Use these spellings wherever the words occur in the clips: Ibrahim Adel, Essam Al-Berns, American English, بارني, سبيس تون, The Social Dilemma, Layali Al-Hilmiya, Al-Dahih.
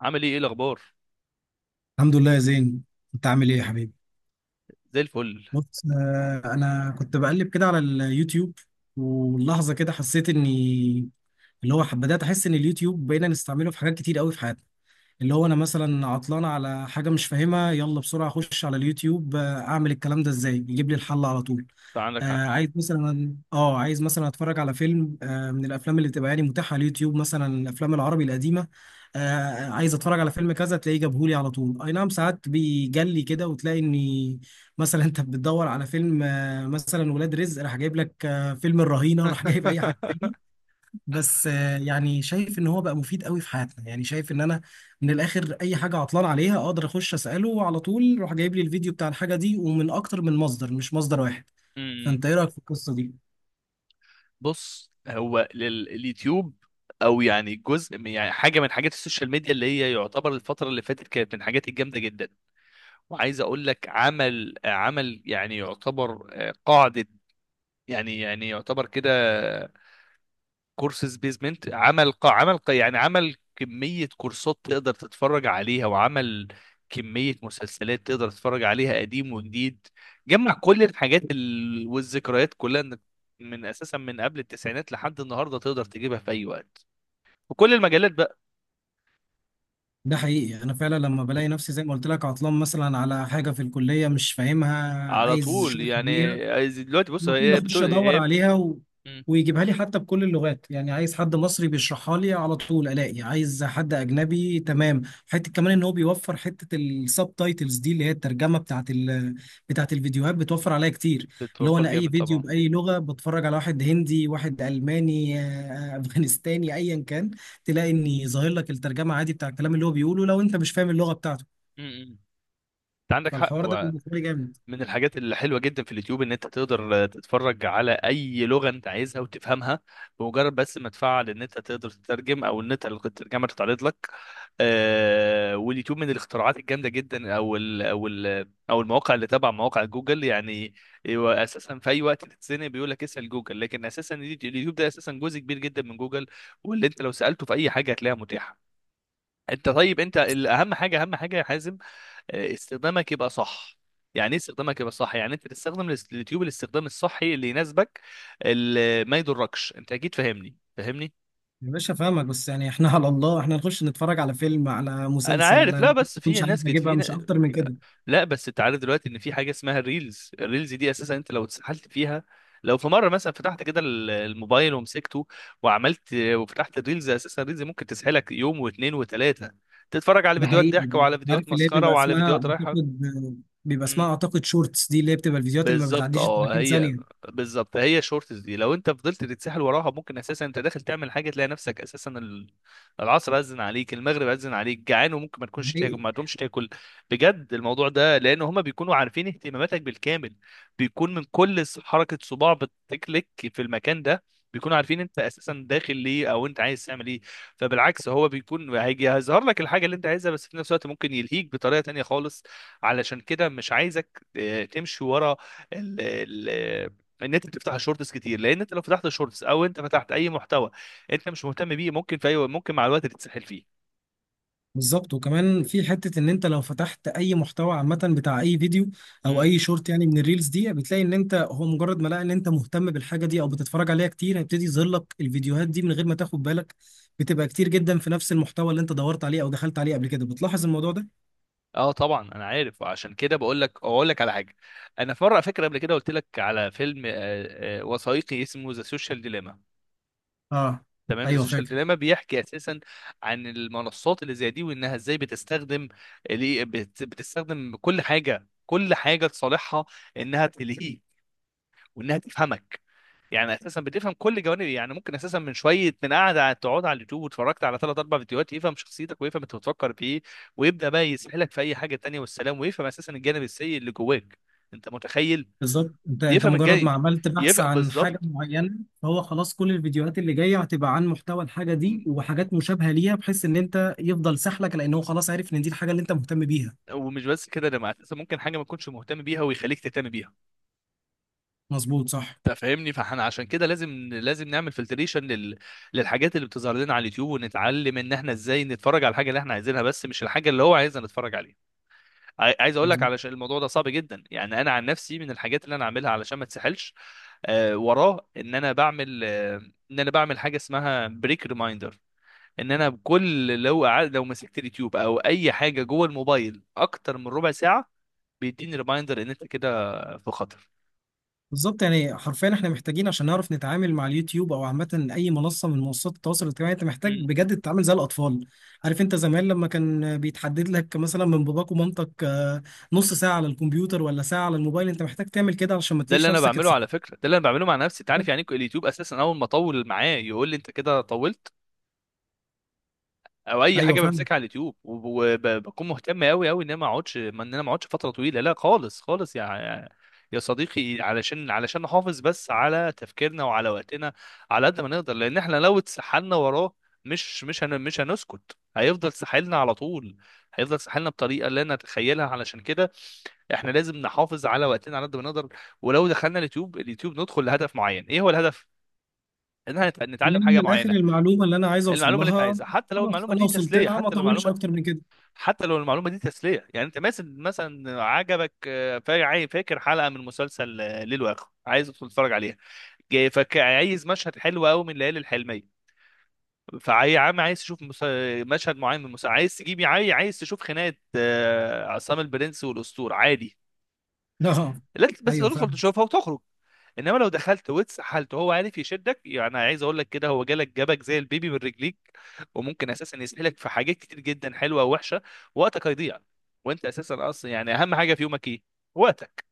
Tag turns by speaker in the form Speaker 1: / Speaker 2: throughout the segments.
Speaker 1: عامل ايه الاخبار.
Speaker 2: الحمد لله يا زين. انت عامل ايه يا حبيبي؟
Speaker 1: زي الفل.
Speaker 2: بص، انا كنت بقلب كده على اليوتيوب. ولحظه كده حسيت اني اللي هو بدات احس ان اليوتيوب بقينا نستعمله في حاجات كتير قوي في حياتنا. اللي هو انا مثلا عطلان على حاجه مش فاهمها، يلا بسرعه اخش على اليوتيوب، اعمل الكلام ده ازاي، يجيب لي الحل على طول.
Speaker 1: فعندك حق.
Speaker 2: عايز مثلا، عايز مثلا اتفرج على فيلم، من الافلام اللي بتبقى يعني متاحه على اليوتيوب، مثلا الافلام العربي القديمه. عايز اتفرج على فيلم كذا تلاقيه جابهولي على طول. اي نعم، ساعات بيجلي كده وتلاقي اني مثلا انت بتدور على فيلم، مثلا ولاد رزق، راح جايب لك فيلم الرهينه، راح جايب اي حاجه تاني. بس يعني شايف ان هو بقى مفيد قوي في حياتنا. يعني شايف ان انا من الاخر اي حاجه عطلان عليها اقدر اخش اساله وعلى طول راح جايب لي الفيديو بتاع الحاجه دي، ومن اكتر من مصدر مش مصدر واحد.
Speaker 1: امم.
Speaker 2: فانت ايه رايك في القصه دي؟
Speaker 1: بص، هو اليوتيوب، او يعني جزء من يعني حاجه من حاجات السوشيال ميديا، اللي هي يعتبر الفتره اللي فاتت كانت من الحاجات الجامده جدا. وعايز اقول لك عمل يعني يعتبر قاعده. يعني يعتبر كده كورسز بيزمنت. عمل قا عمل قا يعني عمل كمية كورسات تقدر تتفرج عليها، وعمل كمية مسلسلات تقدر تتفرج عليها قديم وجديد. جمع كل الحاجات والذكريات كلها، إنك من أساسا من قبل التسعينات لحد النهاردة تقدر تجيبها في أي وقت، وكل المجالات بقى.
Speaker 2: ده حقيقي، انا فعلا لما بلاقي نفسي زي ما قلت لك عطلان مثلا على حاجه في الكليه مش فاهمها،
Speaker 1: على
Speaker 2: عايز
Speaker 1: طول
Speaker 2: شرح
Speaker 1: يعني.
Speaker 2: ليها
Speaker 1: دلوقتي بص،
Speaker 2: على طول
Speaker 1: هي
Speaker 2: اخش
Speaker 1: بتقول
Speaker 2: ادور
Speaker 1: هي بت...
Speaker 2: عليها
Speaker 1: مم.
Speaker 2: ويجيبها لي حتى بكل اللغات. يعني عايز حد مصري بيشرحها لي على طول الاقي، عايز حد اجنبي تمام، حته كمان ان هو بيوفر حته السب تايتلز دي اللي هي الترجمه بتاعت الفيديوهات، بتوفر عليا كتير. اللي هو
Speaker 1: بتوفر
Speaker 2: انا اي
Speaker 1: جامد
Speaker 2: فيديو
Speaker 1: طبعا.
Speaker 2: باي لغه بتفرج، على واحد هندي، واحد الماني، افغانستاني، ايا كان، تلاقي اني ظاهر لك الترجمه عادي بتاع الكلام اللي هو بيقوله لو انت مش فاهم اللغه بتاعته.
Speaker 1: مم. انت عندك حق.
Speaker 2: فالحوار ده بالنسبه لي جامد.
Speaker 1: من الحاجات الحلوه جدا في اليوتيوب ان انت تقدر تتفرج على اي لغه انت عايزها وتفهمها، بمجرد بس ما تفعل ان انت تقدر تترجم او ان انت الترجمه تتعرض لك. واليوتيوب من الاختراعات الجامده جدا، او المواقع اللي تبع مواقع جوجل يعني. هو اساسا في اي وقت تتزنق بيقول لك اسال جوجل، لكن اساسا اليوتيوب ده اساسا جزء كبير جدا من جوجل، واللي انت لو سالته في اي حاجه هتلاقيها متاحه. انت طيب، انت الاهم حاجه اهم حاجه يا حازم، استخدامك يبقى صح. يعني ايه استخدامك يبقى صح؟ يعني انت تستخدم اليوتيوب الاستخدام الصحي اللي يناسبك، اللي ما يضركش. انت اكيد فاهمني فاهمني.
Speaker 2: يا باشا فاهمك، بس يعني احنا على الله احنا نخش نتفرج على فيلم على
Speaker 1: انا عارف. لا،
Speaker 2: مسلسل.
Speaker 1: بس في
Speaker 2: مش عارف
Speaker 1: ناس كتير
Speaker 2: اجيبها، مش اكتر من كده.
Speaker 1: لا بس انت عارف دلوقتي ان في حاجه اسمها الريلز. الريلز دي اساسا انت لو اتسحلت فيها، لو في مره مثلا فتحت كده الموبايل ومسكته، وعملت وفتحت الريلز، اساسا الريلز ممكن تسحلك يوم و2 و3، تتفرج على
Speaker 2: ده
Speaker 1: فيديوهات
Speaker 2: حقيقي.
Speaker 1: ضحك وعلى فيديوهات
Speaker 2: عارف اللي هي
Speaker 1: مسخره
Speaker 2: بيبقى
Speaker 1: وعلى
Speaker 2: اسمها
Speaker 1: فيديوهات رايحه.
Speaker 2: اعتقد، شورتس دي، اللي هي بتبقى الفيديوهات اللي ما
Speaker 1: بالظبط
Speaker 2: بتعديش ال
Speaker 1: اه،
Speaker 2: 30
Speaker 1: هي
Speaker 2: ثانية.
Speaker 1: بالظبط هي الشورتس دي، لو انت فضلت تتسحل وراها ممكن اساسا انت داخل تعمل حاجه تلاقي نفسك اساسا العصر اذن عليك، المغرب اذن عليك، جعان وممكن ما تكونش تاكل، ما تقومش تاكل بجد. الموضوع ده لان هما بيكونوا عارفين اهتماماتك بالكامل. بيكون من كل حركه صباع بتكليك في المكان ده، بيكونوا عارفين انت اساسا داخل ليه او انت عايز تعمل ايه. فبالعكس، هو بيكون هيجي هيظهر لك الحاجه اللي انت عايزها، بس في نفس الوقت ممكن يلهيك بطريقه تانية خالص. علشان كده مش عايزك تمشي ورا ال ال ان انت بتفتح الشورتس كتير، لان انت لو فتحت الشورتس او انت فتحت اي محتوى انت مش مهتم بيه، ممكن في اي ممكن مع الوقت تتسحل فيه.
Speaker 2: بالظبط، وكمان في حتة ان انت لو فتحت اي محتوى عامة بتاع اي فيديو او
Speaker 1: امم.
Speaker 2: اي شورت، يعني من الريلز دي، بتلاقي ان انت هو مجرد ما لقى ان انت مهتم بالحاجة دي او بتتفرج عليها كتير، هيبتدي يظهر لك الفيديوهات دي من غير ما تاخد بالك. بتبقى كتير جدا في نفس المحتوى اللي انت دورت عليه او دخلت عليه قبل كده. بتلاحظ الموضوع ده؟
Speaker 1: اه طبعا انا عارف، وعشان كده بقول لك اقول لك على حاجه. انا في مره فاكر قبل كده قلت لك على فيلم وثائقي اسمه ذا سوشيال ديليما.
Speaker 2: اه.
Speaker 1: تمام، ذا
Speaker 2: ايوه
Speaker 1: سوشيال
Speaker 2: فاكر.
Speaker 1: ديليما بيحكي اساسا عن المنصات اللي زي دي، وانها ازاي بتستخدم بتستخدم كل حاجه كل حاجه لصالحها، انها تلهيك وانها تفهمك. يعني اساسا بتفهم كل جوانب. يعني ممكن اساسا من شويه من تقعد على اليوتيوب واتفرجت على ثلاث اربع فيديوهات يفهم شخصيتك ويفهم انت بتفكر في ايه، ويبدا بقى يسحلك في اي حاجه تانية والسلام، ويفهم اساسا الجانب السيء اللي جواك. انت متخيل؟
Speaker 2: بالظبط، انت
Speaker 1: يفهم
Speaker 2: مجرد ما
Speaker 1: الجانب
Speaker 2: عملت بحث
Speaker 1: يفهم
Speaker 2: عن حاجه
Speaker 1: بالظبط.
Speaker 2: معينه، فهو خلاص كل الفيديوهات اللي جايه هتبقى عن محتوى الحاجه دي وحاجات مشابهه ليها، بحيث ان انت يفضل سحلك، لان هو خلاص عارف ان دي الحاجه اللي انت مهتم بيها.
Speaker 1: ومش بس كده، ده مع اساسا ممكن حاجه ما تكونش مهتم بيها ويخليك تهتم بيها.
Speaker 2: مظبوط صح.
Speaker 1: انت فاهمني؟ فاحنا عشان كده لازم نعمل فلتريشن للحاجات اللي بتظهر لنا على اليوتيوب، ونتعلم ان احنا ازاي نتفرج على الحاجه اللي احنا عايزينها، بس مش الحاجه اللي هو عايزنا نتفرج عليها. عايز اقول لك،
Speaker 2: مظبوط.
Speaker 1: علشان الموضوع ده صعب جدا، يعني انا عن نفسي من الحاجات اللي انا عاملها علشان ما تسحلش وراه، ان انا بعمل ان انا بعمل حاجه اسمها بريك ريمايندر. ان انا بكل لو مسكت اليوتيوب او اي حاجه جوه الموبايل اكتر من ربع ساعه، بيديني ريمايندر ان انت كده في خطر.
Speaker 2: بالظبط، يعني حرفيا احنا محتاجين عشان نعرف نتعامل مع اليوتيوب او عامه اي منصه من منصات التواصل الاجتماعي، انت محتاج
Speaker 1: مم.
Speaker 2: بجد تتعامل زي الاطفال. عارف، انت زمان لما كان بيتحدد لك مثلا من باباك ومامتك، نص ساعه على الكمبيوتر ولا ساعه على الموبايل، انت محتاج تعمل كده عشان ما
Speaker 1: ده اللي
Speaker 2: تلاقيش
Speaker 1: انا
Speaker 2: نفسك
Speaker 1: بعمله على
Speaker 2: اتسحبت.
Speaker 1: فكره، ده اللي انا بعمله مع نفسي. انت عارف يعني إيه؟ اليوتيوب اساسا اول ما اطول معاه يقول لي انت كده طولت، او اي
Speaker 2: ايوه
Speaker 1: حاجه
Speaker 2: فاهم.
Speaker 1: بمسكها على اليوتيوب وبكون مهتم قوي قوي ان انا ما اقعدش فتره طويله، لا خالص خالص يا صديقي، علشان نحافظ بس على تفكيرنا وعلى وقتنا على قد ما نقدر. لان احنا لو اتسحلنا وراه، مش هنسكت. هيفضل ساحلنا على طول، هيفضل ساحلنا بطريقه لا نتخيلها. علشان كده احنا لازم نحافظ على وقتنا على قد ما نقدر. ولو دخلنا اليوتيوب، ندخل لهدف معين. ايه هو الهدف؟ ان احنا
Speaker 2: إن
Speaker 1: نتعلم
Speaker 2: أنا من
Speaker 1: حاجه
Speaker 2: الاخر
Speaker 1: معينه،
Speaker 2: المعلومه اللي انا عايز اوصل
Speaker 1: المعلومه اللي انت
Speaker 2: لها،
Speaker 1: عايزها. حتى لو
Speaker 2: خلاص
Speaker 1: المعلومه
Speaker 2: انا
Speaker 1: دي
Speaker 2: وصلت
Speaker 1: تسليه،
Speaker 2: لها، ما اطولش اكتر من كده.
Speaker 1: يعني انت مثلا عجبك فاكر حلقه من مسلسل ليل واخر، عايز تدخل تتفرج عليها. جاي فك، عايز مشهد حلو قوي من ليالي الحلميه. فعايز عايز تشوف مشهد معين من المسلسل، عايز تجيب عايز تشوف خناقه عصام البرنس والاسطور عادي.
Speaker 2: لا.
Speaker 1: لا بس
Speaker 2: ايوه
Speaker 1: تدخل
Speaker 2: فاهم.
Speaker 1: تشوفها وتخرج. انما لو دخلت واتسحلت وهو عارف يشدك، يعني عايز اقول لك كده هو جالك جابك زي البيبي من رجليك، وممكن اساسا يسحلك في حاجات كتير جدا حلوه ووحشه، وقتك هيضيع. وانت اساسا اصلا يعني اهم حاجه في يومك ايه؟ وقتك.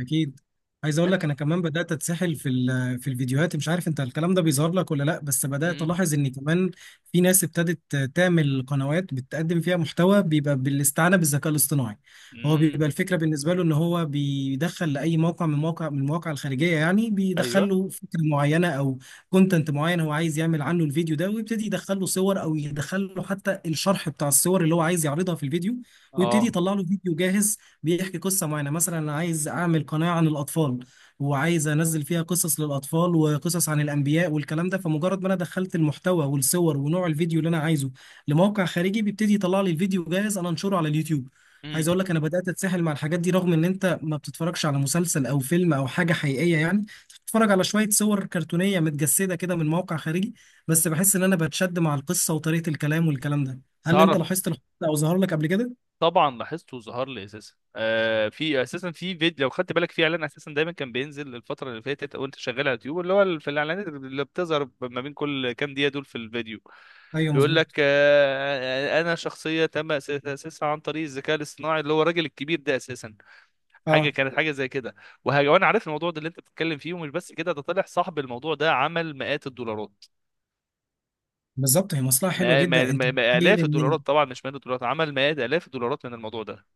Speaker 2: اكيد. عايز اقول
Speaker 1: انت.
Speaker 2: لك انا كمان بدات اتسحل في في الفيديوهات، مش عارف انت الكلام ده بيظهر لك ولا لا، بس بدات
Speaker 1: امم.
Speaker 2: الاحظ ان كمان في ناس ابتدت تعمل قنوات بتقدم فيها محتوى بيبقى بالاستعانه بالذكاء الاصطناعي. هو
Speaker 1: امم.
Speaker 2: بيبقى الفكره بالنسبه له ان هو بيدخل لاي موقع، من مواقع من المواقع الخارجيه، يعني
Speaker 1: ايوه.
Speaker 2: بيدخل له فكره معينه او كونتنت معين هو عايز يعمل عنه الفيديو ده، ويبتدي يدخل له صور او يدخل له حتى الشرح بتاع الصور اللي هو عايز يعرضها في الفيديو، ويبتدي
Speaker 1: اه.
Speaker 2: يطلع له فيديو جاهز بيحكي قصة معينة. مثلا أنا عايز أعمل قناة عن الأطفال وعايز أنزل فيها قصص للأطفال وقصص عن الأنبياء والكلام ده، فمجرد ما أنا دخلت المحتوى والصور ونوع الفيديو اللي أنا عايزه لموقع خارجي، بيبتدي يطلع لي الفيديو جاهز أنا أنشره على اليوتيوب.
Speaker 1: امم.
Speaker 2: عايز أقول لك أنا بدأت أتسحل مع الحاجات دي، رغم إن أنت ما بتتفرجش على مسلسل أو فيلم أو حاجة حقيقية، يعني بتتفرج على شوية صور كرتونية متجسدة كده من موقع خارجي، بس بحس إن أنا بتشد مع القصة وطريقة الكلام والكلام ده. هل أنت
Speaker 1: تعرف،
Speaker 2: لاحظت الحوار ده أو ظهر لك قبل كده؟
Speaker 1: طبعا لاحظته، وظهر لي اساسا في اساسا في فيديو، لو خدت بالك في اعلان اساسا دايما كان بينزل الفتره اللي فاتت وانت شغال على اليوتيوب، اللي هو في الاعلانات اللي بتظهر ما بين كل كام دقيقه دول في الفيديو
Speaker 2: أيوه
Speaker 1: بيقول لك
Speaker 2: مظبوط.
Speaker 1: انا شخصيه تم تاسيسها عن طريق الذكاء الاصطناعي اللي هو الراجل الكبير ده اساسا. حاجه
Speaker 2: آه.
Speaker 1: كانت حاجه زي كده. وانا عارف الموضوع ده اللي انت بتتكلم فيه. ومش بس كده، ده طلع صاحب الموضوع ده عمل مئات الدولارات.
Speaker 2: بالظبط، هي مصلحه حلوه
Speaker 1: ما ما
Speaker 2: جدا. انت
Speaker 1: ما ما
Speaker 2: متخيل
Speaker 1: الاف
Speaker 2: ان.
Speaker 1: الدولارات طبعا، مش مئات الدولارات، عمل مئات الاف الدولارات من الموضوع ده.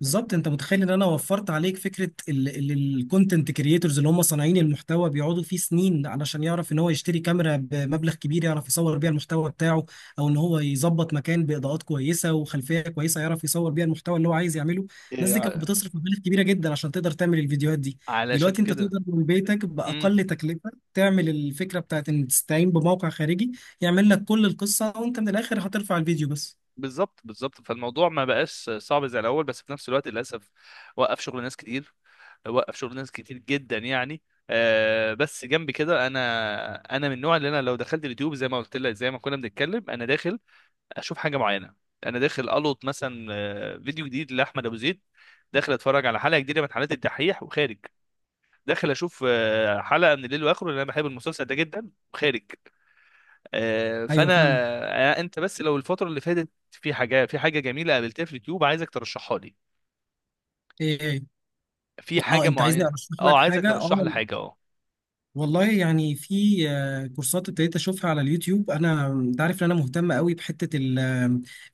Speaker 2: بالظبط، انت متخيل ان انا وفرت عليك فكره الكونتنت كريتورز اللي هم صانعين المحتوى، بيقعدوا فيه سنين علشان يعرف ان هو يشتري كاميرا بمبلغ كبير يعرف يصور بيها المحتوى بتاعه، او ان هو يظبط مكان باضاءات كويسه وخلفيه كويسه يعرف يصور بيها المحتوى اللي هو عايز يعمله. الناس
Speaker 1: إيه،
Speaker 2: دي كانت
Speaker 1: ع-
Speaker 2: بتصرف مبالغ كبيره جدا عشان تقدر تعمل الفيديوهات دي.
Speaker 1: علشان
Speaker 2: دلوقتي انت
Speaker 1: كده.
Speaker 2: تقدر من بيتك
Speaker 1: امم.
Speaker 2: باقل تكلفه تعمل الفكره بتاعت ان تستعين بموقع خارجي يعمل لك كل القصه، وانت من الاخر هترفع الفيديو بس.
Speaker 1: بالظبط بالظبط، فالموضوع ما بقاش صعب زي الاول، بس في نفس الوقت للاسف وقف شغل ناس كتير، وقف شغل ناس كتير جدا يعني. بس جنب كده، انا من النوع اللي انا لو دخلت اليوتيوب زي ما قلت لك، زي ما كنا بنتكلم، انا داخل اشوف حاجه معينه. انا داخل القط مثلا فيديو جديد لاحمد ابو زيد، داخل اتفرج على حلقه جديده من حلقات الدحيح وخارج، داخل اشوف حلقه من الليل واخره لان انا بحب المسلسل ده جدا وخارج.
Speaker 2: ايوه
Speaker 1: فانا
Speaker 2: فاهمك.
Speaker 1: انت بس لو الفتره اللي فاتت في حاجه جميله قابلتها في اليوتيوب، عايزك ترشحها لي
Speaker 2: ايه ايه.
Speaker 1: في
Speaker 2: اه،
Speaker 1: حاجه
Speaker 2: انت عايزني
Speaker 1: معينه.
Speaker 2: ارشح
Speaker 1: اه
Speaker 2: لك
Speaker 1: عايزك
Speaker 2: حاجه،
Speaker 1: ترشح لي
Speaker 2: اه.
Speaker 1: حاجه اه.
Speaker 2: والله، يعني في كورسات ابتديت اشوفها على اليوتيوب. انا انت عارف ان انا مهتم قوي بحته ال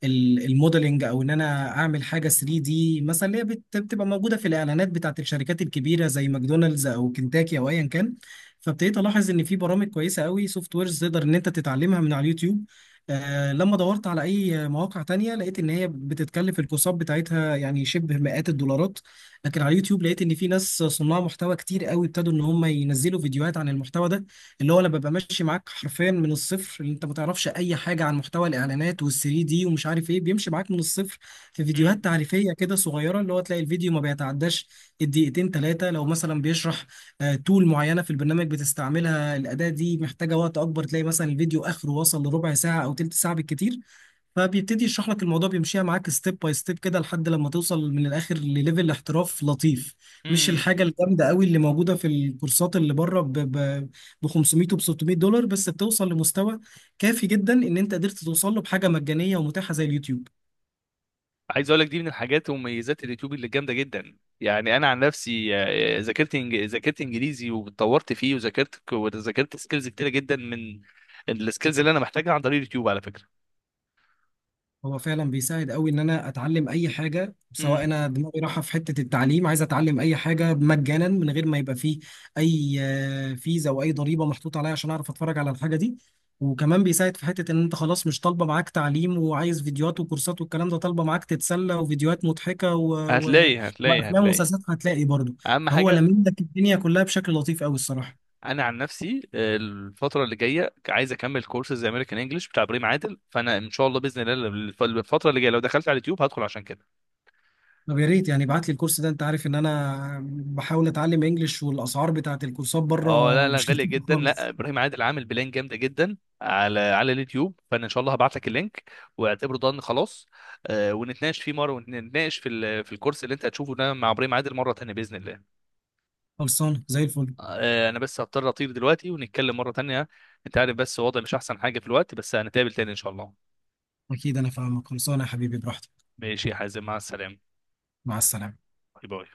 Speaker 2: ال- الموديلنج، او ان انا اعمل حاجه 3D دي مثلا، اللي هي بتبقى موجوده في الاعلانات بتاعت الشركات الكبيره زي ماكدونالدز او كنتاكي او ايا كان. فابتديت الاحظ ان في برامج كويسه قوي، سوفت ويرز، تقدر ان انت تتعلمها من على اليوتيوب. آه لما دورت على اي مواقع تانية لقيت ان هي بتتكلف الكورسات بتاعتها، يعني شبه مئات الدولارات. لكن على اليوتيوب لقيت ان في ناس صناع محتوى كتير قوي ابتدوا ان هم ينزلوا فيديوهات عن المحتوى ده. اللي هو انا ببقى ماشي معاك حرفيا من الصفر، اللي انت ما تعرفش اي حاجه عن محتوى الاعلانات وال3 دي ومش عارف ايه، بيمشي معاك من الصفر. في فيديوهات تعريفيه كده صغيره، اللي هو تلاقي الفيديو ما بيتعداش الدقيقتين ثلاثه، لو مثلا بيشرح تول معينه في البرنامج بتستعملها، الاداه دي محتاجه وقت اكبر، تلاقي مثلا الفيديو اخره وصل لربع ساعه او تلت ساعه بالكتير. فبيبتدي يشرح لك الموضوع، بيمشيها معاك ستيب باي ستيب كده لحد لما توصل من الاخر لليفل احتراف لطيف، مش
Speaker 1: مم.
Speaker 2: الحاجه الجامده قوي اللي موجوده في الكورسات اللي بره ب 500 و $600، بس بتوصل لمستوى كافي جدا ان انت قدرت توصل له بحاجه مجانيه ومتاحه زي اليوتيوب.
Speaker 1: عايز اقول لك دي من الحاجات ومميزات اليوتيوب اللي جامده جدا. يعني انا عن نفسي ذاكرت ذاكرت انجليزي واتطورت فيه، وذاكرت وذاكرت سكيلز كتيره جدا من السكيلز اللي انا محتاجها عن طريق اليوتيوب على فكره.
Speaker 2: هو فعلا بيساعد قوي ان انا اتعلم اي حاجه،
Speaker 1: امم.
Speaker 2: سواء انا دماغي رايحه في حته التعليم، عايز اتعلم اي حاجه مجانا من غير ما يبقى فيه اي فيزا او اي ضريبه محطوطه عليا عشان اعرف اتفرج على الحاجه دي. وكمان بيساعد في حته ان انت خلاص مش طالبه معاك تعليم وعايز فيديوهات وكورسات والكلام ده، طالبه معاك تتسلى وفيديوهات مضحكه
Speaker 1: هتلاقي هتلاقي
Speaker 2: وافلام
Speaker 1: هتلاقي،
Speaker 2: ومسلسلات هتلاقي برضه.
Speaker 1: اهم
Speaker 2: فهو
Speaker 1: حاجه.
Speaker 2: لمين لك الدنيا كلها بشكل لطيف قوي الصراحه.
Speaker 1: انا عن نفسي الفتره اللي جايه عايز اكمل كورسز امريكان انجلش بتاع ابراهيم عادل، فانا ان شاء الله باذن الله الفتره اللي جايه لو دخلت على اليوتيوب هدخل عشان كده.
Speaker 2: طب يا ريت يعني ابعت لي الكورس ده، انت عارف ان انا بحاول اتعلم انجليش، والاسعار بتاعت الكورسات
Speaker 1: اه لا
Speaker 2: بره
Speaker 1: لا،
Speaker 2: مش
Speaker 1: غالية
Speaker 2: لطيفة
Speaker 1: جدا. لا،
Speaker 2: خالص.
Speaker 1: ابراهيم عادل عامل بلان جامدة جدا على اليوتيوب، فانا ان شاء الله هبعت لك اللينك، واعتبره ضن. خلاص ونتناقش فيه مرة، ونتناقش في في الكورس اللي انت هتشوفه ده مع ابراهيم عادل مرة تانية بإذن الله.
Speaker 2: خلصانه زي الفل.
Speaker 1: انا بس هضطر اطير دلوقتي، ونتكلم مرة تانية. انت عارف بس وضعي مش احسن حاجة في الوقت، بس هنتقابل تاني ان شاء الله.
Speaker 2: اكيد انا فاهمك. خلصانه يا حبيبي، براحتك.
Speaker 1: ماشي يا حازم، مع السلامة.
Speaker 2: مع السلامه.
Speaker 1: باي باي.